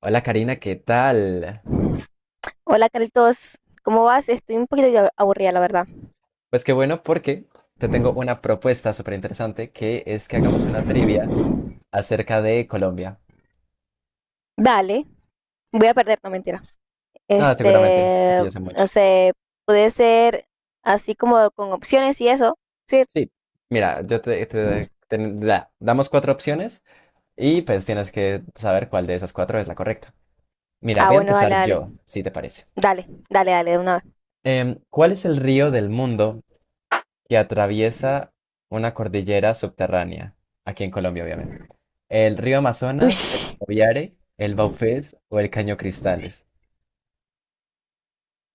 Hola Karina, ¿qué tal? Hola Carlitos, ¿cómo vas? Estoy un poquito ya aburrida, la verdad. Pues qué bueno porque te tengo una propuesta súper interesante que es que hagamos una trivia acerca de Colombia. Dale, voy a perder, no mentira. No, seguramente, porque yo sé No mucho. sé, puede ser así como con opciones y eso. Sí. Sí, mira, yo te damos cuatro opciones y pues tienes que saber cuál de esas cuatro es la correcta. Mira, Ah, voy a bueno, dale, empezar dale. yo, si te parece. Dale, dale, dale, de una vez. ¿Cuál es el río del mundo que atraviesa una cordillera subterránea, aquí en Colombia, obviamente? El río Amazonas, el Ush, Guaviare, el Baupés o el Caño Cristales.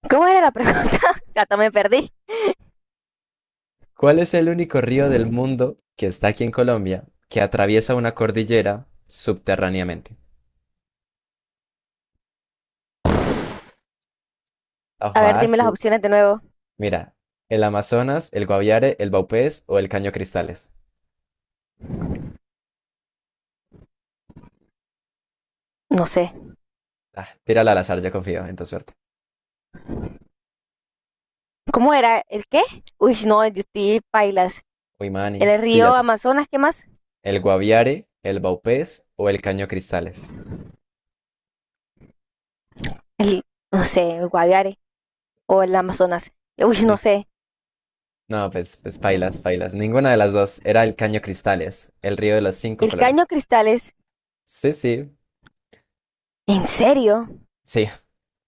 ¿cómo era la pregunta? Hasta me perdí. ¿Cuál es el único río del mundo que está aquí en Colombia que atraviesa una cordillera subterráneamente? Está A ver, dime las fácil. opciones de nuevo. Mira, el Amazonas, el Guaviare, el Baupés o el Caño Cristales. No sé. Ah, tírala al azar, ya confío en tu suerte. ¿Cómo era? ¿El qué? Uy, no, yo estoy pailas. Uy, Manny, ¿El río píllate. Amazonas, qué más? ¿El Guaviare, el Baupés o el Caño Cristales? El, no sé, el Guaviare. O el Amazonas. Uy, no sé. No, pues pailas, pailas. Ninguna de las dos. Era el Caño Cristales, el río de los cinco El caño colores. cristales, Sí, sí, ¿en serio? sí.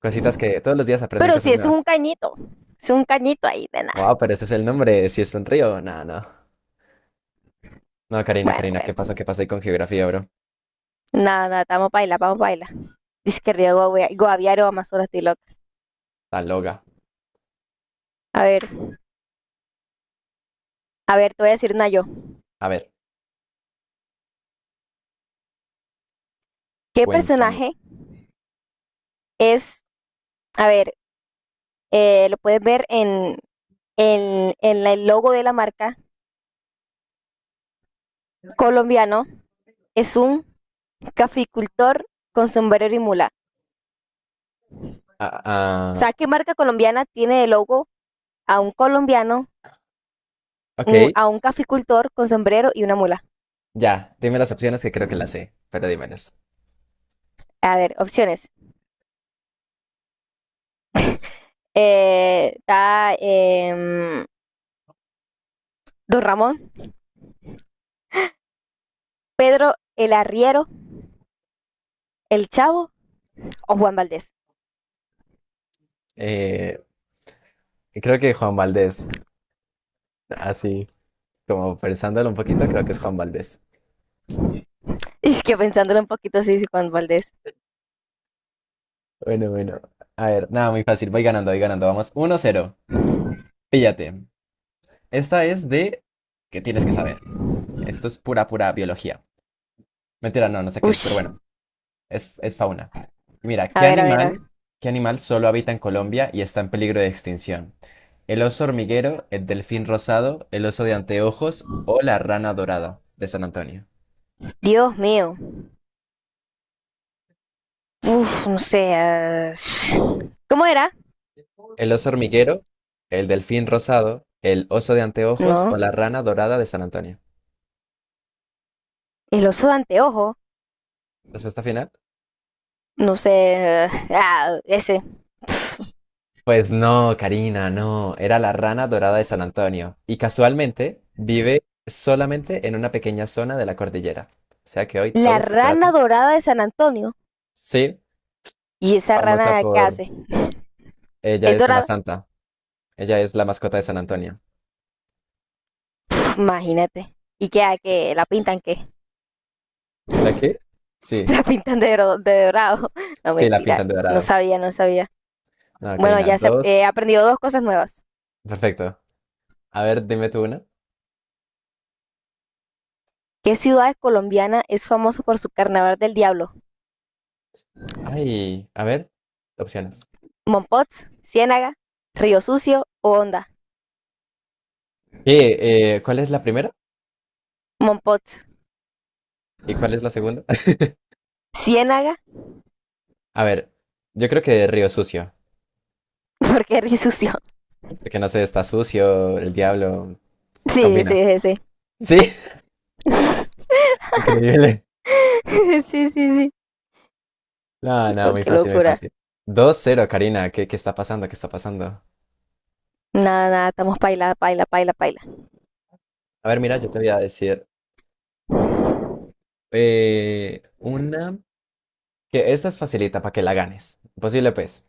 Cositas que todos los días aprenden Pero si cosas es un nuevas. cañito, es un cañito ahí de Wow, nada. pero ese es el nombre, si es un río. No, no. No, Karina, Bueno, Karina, ¿qué pasó? bueno, ¿Qué pasó ahí con geografía, bro? nada, nada, vamos a bailar, vamos a bailar. Dice que Río Guaviare o Amazonas, estoy loca. La loga. A ver, a ver, te voy a decir una yo. A ver, ¿Qué cuéntame. personaje es, a ver, lo puedes ver en el logo de la marca colombiano, es un caficultor con sombrero y mula. Ah, O ah, sea, ¿qué marca colombiana tiene de logo a un colombiano ok, a un caficultor con sombrero y una mula? ya. Dime las opciones que creo que las sé, pero dímelas. A ver, opciones. Está Don Ramón, el arriero, el chavo o Juan Valdés. Eh, Creo que Juan Valdés, así como pensándolo un poquito, creo que es Juan Valdés. Es que pensándolo un poquito sí sí, Juan Valdés. Bueno, bueno. A ver, nada, muy fácil. Voy ganando, voy ganando. Vamos, 1-0. Píllate. Esta es de, que tienes que saber? Esto es pura, pura biología. Mentira, no, no sé qué es, pero Ush, bueno, es fauna. Mira, a ¿qué ver, a ver, a ver. animal, qué animal solo habita en Colombia y está en peligro de extinción? ¿El oso hormiguero, el delfín rosado, el oso de anteojos o la rana dorada de San Antonio? Dios mío. Uf, no sé. ¿Cómo era? ¿El oso hormiguero, el delfín rosado, el oso de anteojos No. o la rana dorada de San Antonio? El oso de anteojo. Respuesta final. No sé. Ah, ese. Pues no, Karina, no. Era la rana dorada de San Antonio. Y casualmente vive solamente en una pequeña zona de la cordillera. O sea que hoy La todo se rana trata. dorada de San Antonio. Sí, ¿Y esa famosa rana qué por, hace? ella ¿Es es una dorada? santa. Ella es la mascota de San Antonio. Pf, imagínate. ¿Y qué? ¿A ¿qué la pintan qué? ¿La qué? Sí, La pintan de, de dorado. No, sí, la mentira, pintan de no dorado. sabía, no sabía. No, Bueno, Karina, dos. he aprendido dos cosas nuevas. Perfecto. A ver, dime tú una. ¿Qué ciudad colombiana es famosa por su carnaval del diablo? Ay, a ver, opciones. ¿Mompots, Ciénaga, Río Sucio o Honda? ¿Cuál es la primera? Mompots, ¿Y cuál es la segunda? Ciénaga, A ver, yo creo que Río Sucio. porque Río Sucio. Porque no sé, está sucio, el diablo. Sí, Combina. sí, sí, sí. Sí, increíble. Sí, sí, sí. No, no, Oh, muy qué fácil, muy locura. fácil. Dos cero, Karina. ¿Qué está pasando? ¿Qué está pasando? Nada, nada, estamos paila, paila, paila, paila. A ver, mira, yo te voy a decir Ujú. Una. Que esta es facilita para que la ganes. Posible, pues.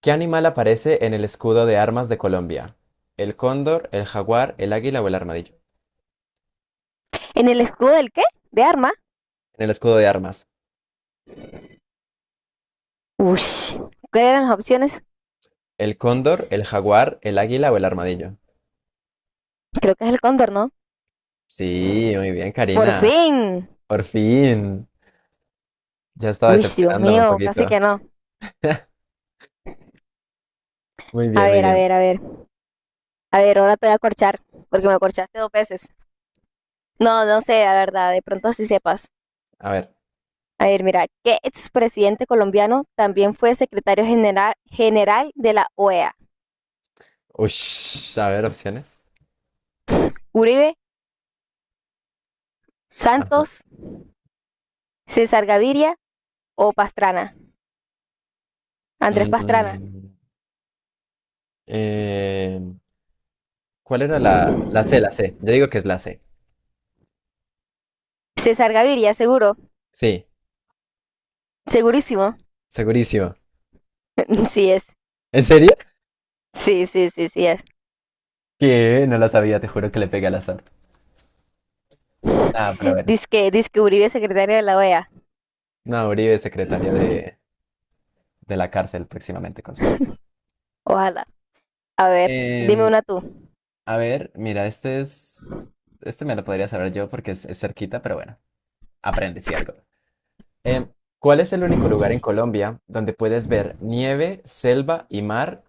¿Qué animal aparece en el escudo de armas de Colombia? ¿El cóndor, el jaguar, el águila o el armadillo? ¿En el escudo del qué? ¿De arma? En el escudo de armas. Ush. ¿Cuáles eran las opciones? ¿El cóndor, el jaguar, el águila o el armadillo? Creo que es el cóndor, ¿no? Sí, muy bien, Por Karina. fin. Por fin. Ya estaba Uy, Dios decepcionándome un mío, casi que poquito. no. Muy A bien, muy ver, a bien. ver, a ver. A ver, ahora te voy a corchar, porque me corchaste dos veces. No, no sé, la verdad, de pronto así sepas. A ver. A ver, mira, ¿qué expresidente colombiano también fue secretario general, general de la OEA? Ush, a ver, opciones. ¿Uribe, Ajá. Santos, César Gaviria o Pastrana? Andrés Pastrana. Mm, eh, ¿Cuál era la C, la C? Yo digo que es la C. César Gaviria, seguro. Sí, Segurísimo. segurísimo. Sí es. ¿En serio? Sí, sí, sí, sí es. Que no la sabía, te juro que le pegué al azar. Ah, pero bueno. Dice que Uribe es secretario de la OEA. No, Uribe, secretaria de, De la cárcel próximamente, con suerte. Ojalá. A ver, dime Em, una tú. a ver, mira, este es. Este me lo podría saber yo porque es cerquita, pero bueno. Aprende si algo. Em, ¿Cuál es el único lugar en Colombia donde puedes ver nieve, selva y mar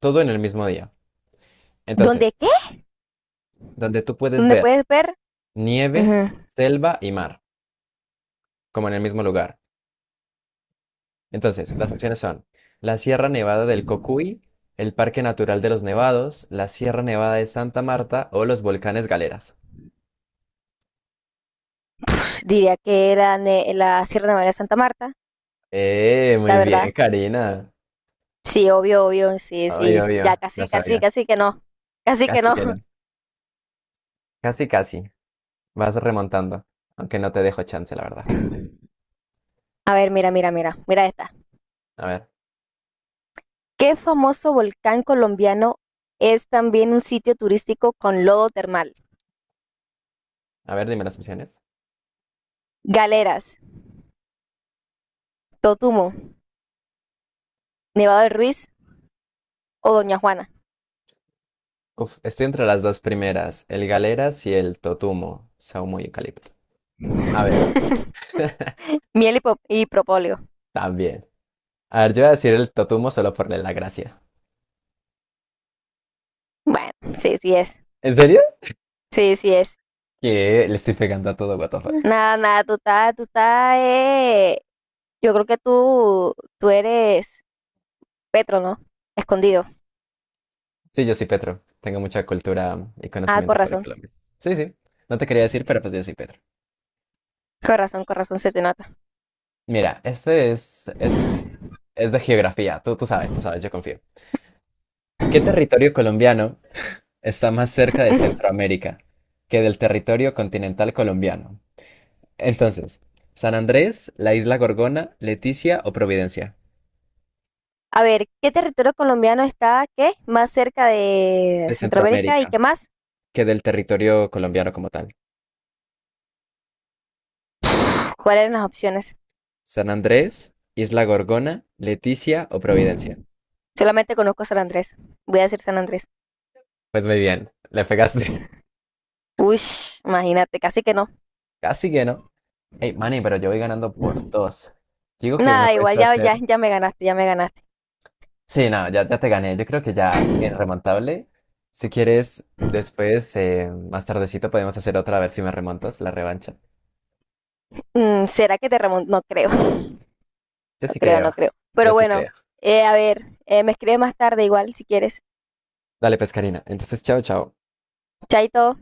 todo en el mismo día? ¿Dónde Entonces, qué? donde tú puedes ¿Dónde ver puedes ver? nieve, Ujú. selva y mar, como en el mismo lugar. Entonces, las opciones son la Sierra Nevada del Cocuy, el Parque Natural de los Nevados, la Sierra Nevada de Santa Marta o los volcanes Galeras. Diría que la, la Sierra Nevada de Santa Marta, la Muy bien, verdad. Karina. Sí, obvio, obvio, sí, Obvio, sí. Ya obvio, la casi, casi, sabía. casi que no. Casi que Casi no. que no. Casi, casi. Vas remontando, aunque no te dejo chance, la verdad. A ver, mira, mira, mira, mira esta. A ver. ¿Qué famoso volcán colombiano es también un sitio turístico con lodo termal? A ver, dime las opciones. Galeras, Totumo, Nevado del Ruiz o Doña Juana. Uf, estoy entre las dos primeras, el Galeras y el Totumo, saumo y eucalipto. A ver, Miel y, y propóleo. también. A ver, yo voy a decir el Totumo solo por la gracia. Bueno, sí, sí es. ¿En serio? Sí, sí es. Que le estoy pegando a todo, what the fuck. Nada, nada, tú estás, yo creo que tú eres Petro, ¿no? Escondido. Sí, yo soy Petro. Tengo mucha cultura y Ah, con conocimientos sobre razón, Colombia. Sí, sí. No te quería decir, pero pues yo soy Petro. con razón, con razón se te nota. Mira, este es, de geografía. Tú sabes, tú sabes, yo confío. ¿Qué territorio colombiano está más cerca de Centroamérica que del territorio continental colombiano? Entonces, San Andrés, la Isla Gorgona, Leticia o Providencia, A ver, ¿qué territorio colombiano está, qué, más cerca de de Centroamérica y Centroamérica, qué más? que del territorio colombiano como tal. ¿Cuáles eran las opciones? San Andrés, Isla Gorgona, Leticia o Providencia. Solamente conozco San Andrés. Voy a decir San Andrés. Pues muy bien, le pegaste. Uy, imagínate, casi que no. Casi que no. Hey, Manny, pero yo voy ganando por dos. Digo que me Nada, puedes igual ya, ya, hacer. ya me ganaste, ya me ganaste. Sí, no, ya te gané. Yo creo que ya en remontable. Si quieres, después, más tardecito, podemos hacer otra a ver si me remontas la revancha. Mm, ¿será que te remonto? No creo. Yo No sí creo, creo. no creo. Yo Pero sí bueno, creo. A ver, me escribes más tarde igual si quieres. Dale, pescarina. Entonces, chao, chao. Chaito.